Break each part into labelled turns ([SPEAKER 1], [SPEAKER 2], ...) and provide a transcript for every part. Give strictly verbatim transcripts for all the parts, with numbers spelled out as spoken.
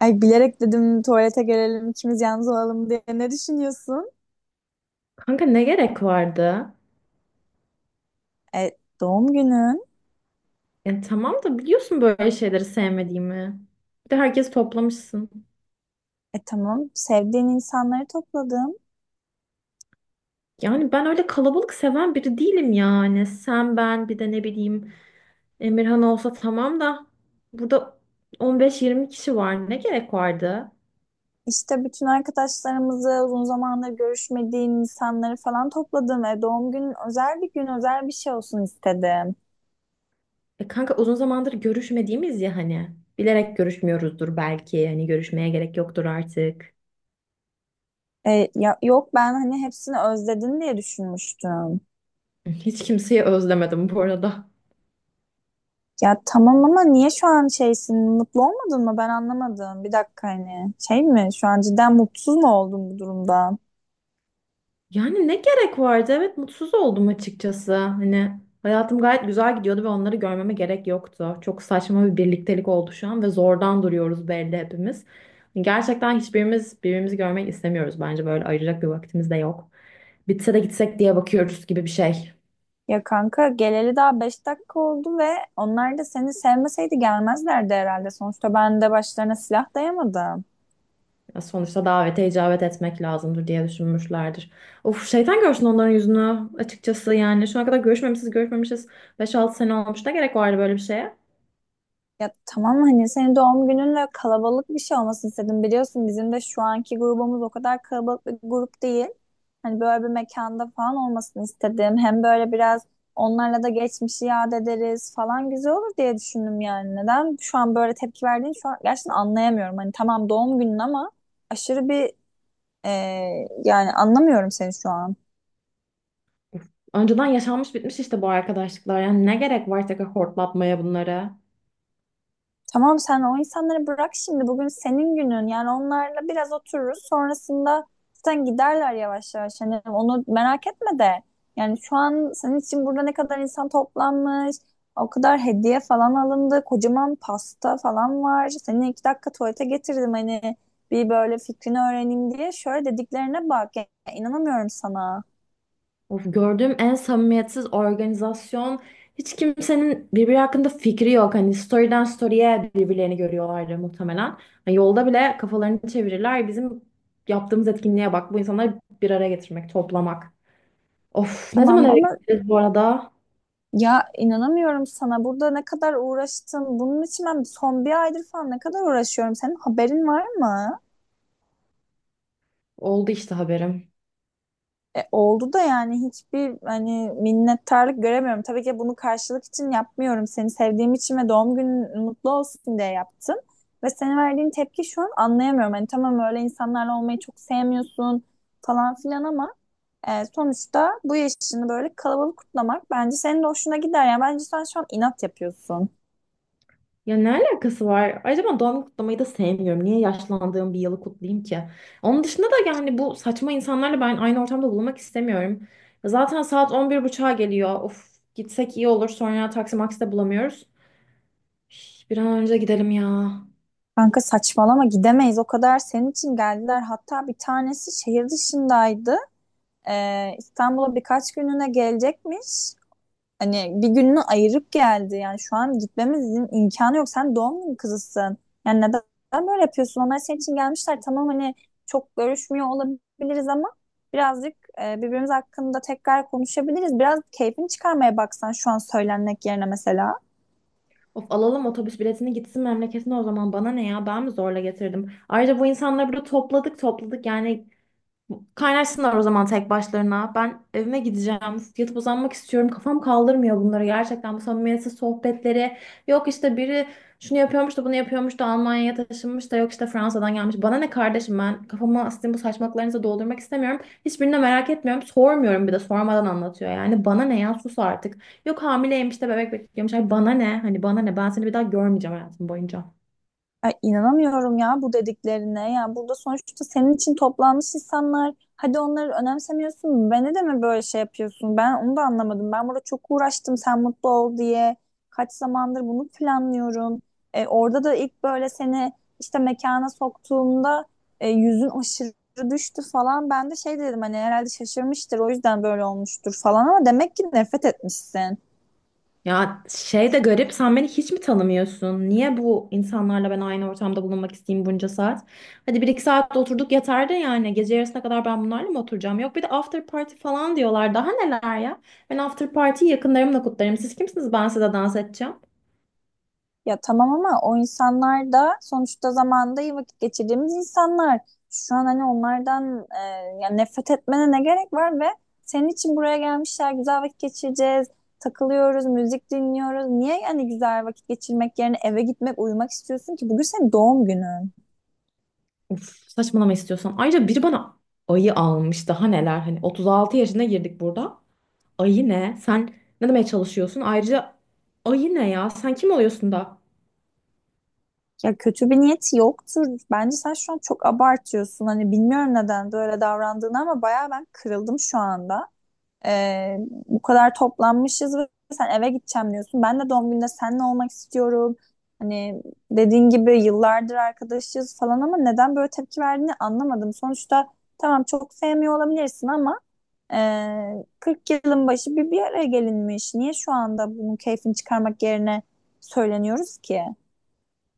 [SPEAKER 1] Ay bilerek dedim tuvalete gelelim ikimiz yalnız olalım diye. Ne düşünüyorsun?
[SPEAKER 2] Kanka ne gerek vardı?
[SPEAKER 1] E, doğum günün.
[SPEAKER 2] Yani tamam da biliyorsun böyle şeyleri sevmediğimi. Bir de herkesi toplamışsın.
[SPEAKER 1] E tamam, sevdiğin insanları topladım.
[SPEAKER 2] Yani ben öyle kalabalık seven biri değilim yani. Sen ben bir de ne bileyim Emirhan olsa tamam da burada on beş yirmi kişi var. Ne gerek vardı?
[SPEAKER 1] İşte bütün arkadaşlarımızı, uzun zamandır görüşmediğin insanları falan topladım. E, doğum günün özel bir gün, özel bir şey olsun istedim.
[SPEAKER 2] E kanka uzun zamandır görüşmediğimiz ya hani. Bilerek görüşmüyoruzdur belki. Hani görüşmeye gerek yoktur artık.
[SPEAKER 1] E, ya, yok, ben hani hepsini özledin diye düşünmüştüm.
[SPEAKER 2] Hiç kimseyi özlemedim bu arada.
[SPEAKER 1] Ya tamam ama niye şu an şeysin, mutlu olmadın mı? Ben anlamadım. Bir dakika, hani şey mi, şu an cidden mutsuz mu oldun bu durumda?
[SPEAKER 2] Yani ne gerek vardı? Evet mutsuz oldum açıkçası. Hani hayatım gayet güzel gidiyordu ve onları görmeme gerek yoktu. Çok saçma bir birliktelik oldu şu an ve zordan duruyoruz belli hepimiz. Hani gerçekten hiçbirimiz birbirimizi görmek istemiyoruz bence, böyle ayıracak bir vaktimiz de yok. Bitse de gitsek diye bakıyoruz gibi bir şey.
[SPEAKER 1] Ya kanka, geleli daha beş dakika oldu ve onlar da seni sevmeseydi gelmezlerdi herhalde. Sonuçta ben de başlarına silah dayamadım.
[SPEAKER 2] Ya sonuçta davete icabet etmek lazımdır diye düşünmüşlerdir. Of şeytan görsün onların yüzünü açıkçası yani. Şu ana kadar görüşmemişiz görüşmemişiz. Beş altı sene olmuş, ne gerek vardı böyle bir şeye?
[SPEAKER 1] Ya tamam, hani senin doğum gününle kalabalık bir şey olmasını istedim. Biliyorsun bizim de şu anki grubumuz o kadar kalabalık bir grup değil. Hani böyle bir mekanda falan olmasını istedim. Hem böyle biraz onlarla da geçmişi yad ederiz falan, güzel olur diye düşündüm yani. Neden şu an böyle tepki verdiğini şu an gerçekten anlayamıyorum. Hani tamam doğum günün ama aşırı bir Ee, yani anlamıyorum seni şu an.
[SPEAKER 2] Önceden yaşanmış bitmiş işte bu arkadaşlıklar. Yani ne gerek var tekrar hortlatmaya bunları?
[SPEAKER 1] Tamam, sen o insanları bırak şimdi. Bugün senin günün. Yani onlarla biraz otururuz. Sonrasında zaten giderler yavaş yavaş. Hani onu merak etme de. Yani şu an senin için burada ne kadar insan toplanmış. O kadar hediye falan alındı. Kocaman pasta falan var. Seni iki dakika tuvalete getirdim, hani bir böyle fikrini öğreneyim diye. Şöyle dediklerine bak. Ya, inanamıyorum sana.
[SPEAKER 2] Of, gördüğüm en samimiyetsiz organizasyon. Hiç kimsenin birbiri hakkında fikri yok. Hani story'den story'e birbirlerini görüyorlardı muhtemelen. Hani yolda bile kafalarını çevirirler. Bizim yaptığımız etkinliğe bak. Bu insanları bir araya getirmek, toplamak. Of, ne zaman
[SPEAKER 1] Tamam
[SPEAKER 2] eve
[SPEAKER 1] ama
[SPEAKER 2] gideceğiz bu arada?
[SPEAKER 1] Ya inanamıyorum sana. Burada ne kadar uğraştım. Bunun için ben son bir aydır falan ne kadar uğraşıyorum. Senin haberin var mı?
[SPEAKER 2] Oldu işte, haberim.
[SPEAKER 1] E, oldu da yani hiçbir hani minnettarlık göremiyorum. Tabii ki bunu karşılık için yapmıyorum. Seni sevdiğim için ve doğum günün mutlu olsun diye yaptım. Ve senin verdiğin tepki şu an anlayamıyorum. Hani tamam öyle insanlarla olmayı çok sevmiyorsun falan filan ama e, sonuçta bu yaşını böyle kalabalık kutlamak bence senin de hoşuna gider. Yani bence sen şu an inat yapıyorsun.
[SPEAKER 2] Ya ne alakası var? Ayrıca ben doğum günü kutlamayı da sevmiyorum. Niye yaşlandığım bir yılı kutlayayım ki? Onun dışında da yani bu saçma insanlarla ben aynı ortamda bulunmak istemiyorum. Zaten saat on bir buçuğa geliyor. Of gitsek iyi olur. Sonra taksi maksi de bulamıyoruz. Üf, bir an önce gidelim ya.
[SPEAKER 1] Kanka saçmalama, gidemeyiz, o kadar senin için geldiler, hatta bir tanesi şehir dışındaydı. Ee, İstanbul'a birkaç günlüğüne gelecekmiş, hani bir gününü ayırıp geldi. Yani şu an gitmemizin imkanı yok, sen doğum günü kızısın. Yani neden, neden böyle yapıyorsun? Onlar senin için gelmişler. Tamam, hani çok görüşmüyor olabiliriz ama birazcık e, birbirimiz hakkında tekrar konuşabiliriz. Biraz keyfini çıkarmaya baksan şu an söylenmek yerine mesela.
[SPEAKER 2] Of alalım otobüs biletini gitsin memleketine o zaman. Bana ne ya? Ben mi zorla getirdim? Ayrıca bu insanları burada topladık topladık. Yani kaynaşsınlar o zaman tek başlarına. Ben evime gideceğim. Yatıp uzanmak istiyorum. Kafam kaldırmıyor bunları gerçekten. Bu samimiyetsiz sohbetleri. Yok işte biri şunu yapıyormuş da bunu yapıyormuş da Almanya'ya taşınmış da yok işte Fransa'dan gelmiş. Bana ne kardeşim, ben kafamı sizin bu saçmalıklarınıza doldurmak istemiyorum. Hiçbirini de merak etmiyorum. Sormuyorum, bir de sormadan anlatıyor. Yani bana ne ya, sus artık. Yok hamileymiş de bebek bekliyormuş. Ay bana ne? Hani bana ne? Ben seni bir daha görmeyeceğim hayatım boyunca.
[SPEAKER 1] Ay, inanamıyorum ya bu dediklerine. Ya, burada sonuçta senin için toplanmış insanlar. Hadi onları önemsemiyorsun. Beni de mi böyle şey yapıyorsun? Ben onu da anlamadım. Ben burada çok uğraştım sen mutlu ol diye. Kaç zamandır bunu planlıyorum. E, orada da ilk böyle seni işte mekana soktuğumda e, yüzün aşırı düştü falan. Ben de şey dedim, hani herhalde şaşırmıştır, o yüzden böyle olmuştur falan, ama demek ki nefret etmişsin.
[SPEAKER 2] Ya şey de garip, sen beni hiç mi tanımıyorsun? Niye bu insanlarla ben aynı ortamda bulunmak isteyeyim bunca saat? Hadi bir iki saat de oturduk yeter de, yani gece yarısına kadar ben bunlarla mı oturacağım? Yok bir de after party falan diyorlar, daha neler ya? Ben after party'yi yakınlarımla kutlarım. Siz kimsiniz ben size dans edeceğim?
[SPEAKER 1] Ya tamam ama o insanlar da sonuçta zamanında iyi vakit geçirdiğimiz insanlar. Şu an hani onlardan e, yani nefret etmene ne gerek var? Ve senin için buraya gelmişler, güzel vakit geçireceğiz. Takılıyoruz, müzik dinliyoruz. Niye yani güzel vakit geçirmek yerine eve gitmek, uyumak istiyorsun ki? Bugün senin doğum günün.
[SPEAKER 2] Of saçmalama istiyorsan. Ayrıca biri bana ayı almış, daha neler, hani otuz altı yaşına girdik burada. Ayı ne? Sen ne demeye çalışıyorsun? Ayrıca ayı ne ya? Sen kim oluyorsun da?
[SPEAKER 1] Ya kötü bir niyeti yoktur. Bence sen şu an çok abartıyorsun. Hani bilmiyorum neden böyle davrandığını ama bayağı ben kırıldım şu anda. Ee, bu kadar toplanmışız ve sen eve gideceğim diyorsun. Ben de doğum gününde seninle olmak istiyorum. Hani dediğin gibi yıllardır arkadaşız falan ama neden böyle tepki verdiğini anlamadım. Sonuçta tamam çok sevmiyor olabilirsin ama e, kırk yılın başı bir bir araya gelinmiş. Niye şu anda bunun keyfini çıkarmak yerine söyleniyoruz ki?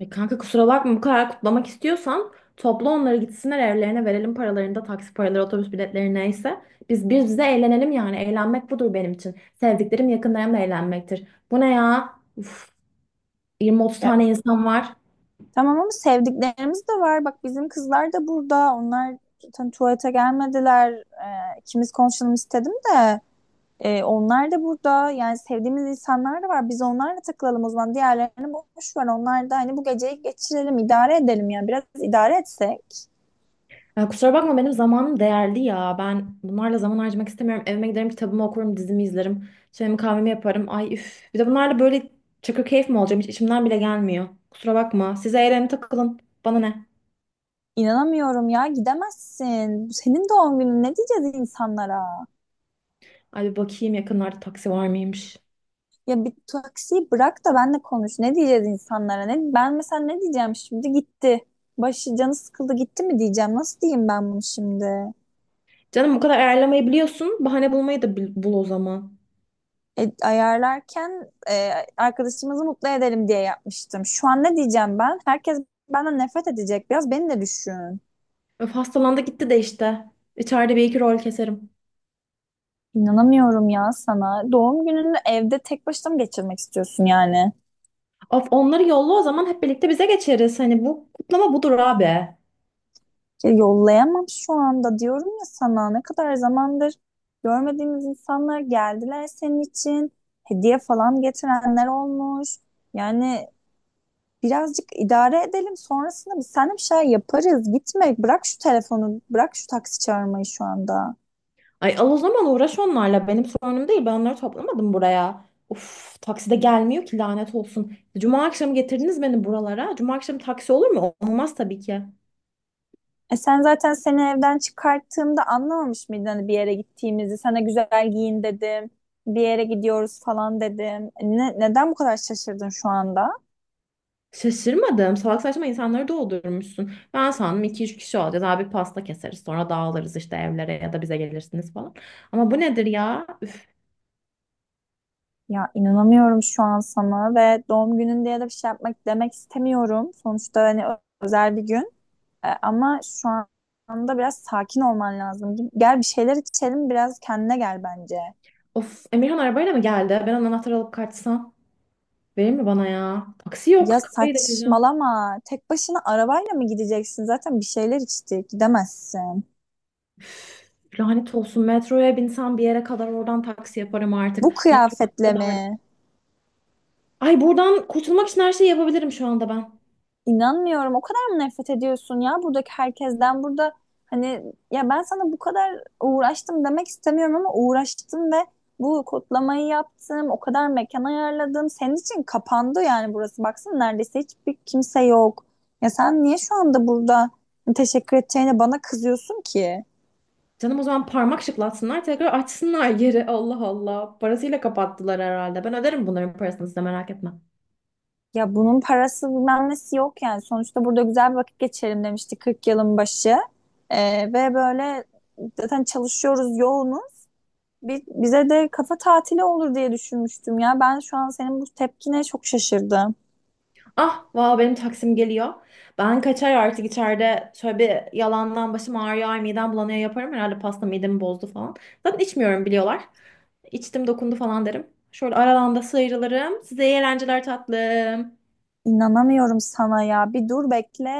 [SPEAKER 2] E kanka kusura bakma, bu kadar kutlamak istiyorsan topla onları gitsinler evlerine, verelim paralarını da, taksi paraları otobüs biletleri neyse. Biz biz bize eğlenelim, yani eğlenmek budur benim için. Sevdiklerim yakınlarımla eğlenmektir. Bu ne ya? Uf, yirmi otuz
[SPEAKER 1] Ya,
[SPEAKER 2] tane insan var.
[SPEAKER 1] tamam ama sevdiklerimiz de var. Bak bizim kızlar da burada. Onlar zaten tuvalete gelmediler. Ee, ikimiz konuşalım istedim de. Ee, onlar da burada, yani sevdiğimiz insanlar da var. Biz onlarla takılalım o zaman. Diğerlerini boş ver. Onlar da hani bu geceyi geçirelim, idare edelim yani. Biraz idare etsek.
[SPEAKER 2] Ya kusura bakma, benim zamanım değerli ya. Ben bunlarla zaman harcamak istemiyorum. Evime giderim, kitabımı okurum, dizimi izlerim. Çayımı kahvemi yaparım. Ay üf. Bir de bunlarla böyle çakır keyif mi olacağım, hiç içimden bile gelmiyor. Kusura bakma, size eğlenin takılın. Bana ne?
[SPEAKER 1] İnanamıyorum ya, gidemezsin. Senin doğum günün, ne diyeceğiz insanlara?
[SPEAKER 2] Ay bir bakayım, yakınlarda taksi var mıymış?
[SPEAKER 1] Ya bir taksiyi bırak da benle konuş. Ne diyeceğiz insanlara? Ne, ben mesela ne diyeceğim şimdi? Gitti. Başı canı sıkıldı gitti mi diyeceğim? Nasıl diyeyim ben bunu şimdi?
[SPEAKER 2] Canım bu kadar ayarlamayı biliyorsun. Bahane bulmayı da bil- bul o zaman.
[SPEAKER 1] E, ayarlarken e, arkadaşımızı mutlu edelim diye yapmıştım. Şu an ne diyeceğim ben? Herkes benden nefret edecek. Biraz beni de düşün.
[SPEAKER 2] Öf hastalandı gitti de işte. İçeride bir iki rol keserim.
[SPEAKER 1] İnanamıyorum ya sana. Doğum gününü evde tek başına mı geçirmek istiyorsun yani?
[SPEAKER 2] Of onları yolla o zaman, hep birlikte bize geçeriz. Hani bu kutlama budur abi.
[SPEAKER 1] Ya yollayamam şu anda diyorum ya sana. Ne kadar zamandır görmediğimiz insanlar geldiler senin için. Hediye falan getirenler olmuş. Yani birazcık idare edelim, sonrasında biz seninle bir şey yaparız. Gitme, bırak şu telefonu, bırak şu taksi çağırmayı şu anda.
[SPEAKER 2] Ay al o zaman, uğraş onlarla. Benim sorunum değil. Ben onları toplamadım buraya. Uf takside gelmiyor ki, lanet olsun. Cuma akşamı getirdiniz beni buralara. Cuma akşamı taksi olur mu? Olmaz tabii ki.
[SPEAKER 1] E sen zaten seni evden çıkarttığımda anlamamış mıydın hani bir yere gittiğimizi? Sana güzel giyin dedim. Bir yere gidiyoruz falan dedim. E Ne, neden bu kadar şaşırdın şu anda?
[SPEAKER 2] Şaşırmadım. Salak saçma insanları doldurmuşsun. Ben sandım iki üç kişi olacağız. Abi pasta keseriz. Sonra dağılırız işte evlere ya da bize gelirsiniz falan. Ama bu nedir ya? Üf,
[SPEAKER 1] Ya inanamıyorum şu an sana, ve doğum günün diye de bir şey yapmak demek istemiyorum. Sonuçta hani ö- özel bir gün. E, ama şu anda biraz sakin olman lazım. Gel bir şeyler içelim, biraz kendine gel bence.
[SPEAKER 2] of Emirhan arabayla mı geldi? Ben onun anahtarı alıp kaçsam. Verir mi bana ya? Taksi yok.
[SPEAKER 1] Ya
[SPEAKER 2] Kafayı delireceğim.
[SPEAKER 1] saçmalama. Tek başına arabayla mı gideceksin? Zaten bir şeyler içtik. Gidemezsin.
[SPEAKER 2] Lanet olsun. Metroya binsem bir yere kadar, oradan taksi yaparım artık.
[SPEAKER 1] Bu
[SPEAKER 2] Metro
[SPEAKER 1] kıyafetle
[SPEAKER 2] kadar.
[SPEAKER 1] mi?
[SPEAKER 2] Ay buradan kurtulmak için her şeyi yapabilirim şu anda ben.
[SPEAKER 1] İnanmıyorum. O kadar mı nefret ediyorsun ya buradaki herkesten? Burada hani ya, ben sana bu kadar uğraştım demek istemiyorum ama uğraştım ve bu kodlamayı yaptım. O kadar mekan ayarladım. Senin için kapandı yani burası. Baksana neredeyse hiçbir kimse yok. Ya sen niye şu anda burada teşekkür edeceğine bana kızıyorsun ki?
[SPEAKER 2] Canım o zaman parmak şıklatsınlar tekrar açsınlar yeri. Allah Allah. Parasıyla kapattılar herhalde. Ben öderim bunların parasını, size merak etme.
[SPEAKER 1] Ya bunun parası bilmem nesi yok yani. Sonuçta burada güzel bir vakit geçirelim demişti, kırk yılın başı. Ee, ve böyle zaten çalışıyoruz, yoğunuz. Bi- bize de kafa tatili olur diye düşünmüştüm ya. Ben şu an senin bu tepkine çok şaşırdım.
[SPEAKER 2] Ah, valla benim taksim geliyor. Ben kaçar artık, içeride şöyle bir yalandan başım ağrıyor, ay midem bulanıyor yaparım. Herhalde pasta midemi bozdu falan. Zaten içmiyorum biliyorlar. İçtim dokundu falan derim. Şöyle aradan da sıyrılırım. Size iyi eğlenceler tatlım.
[SPEAKER 1] İnanamıyorum sana ya. Bir dur bekle.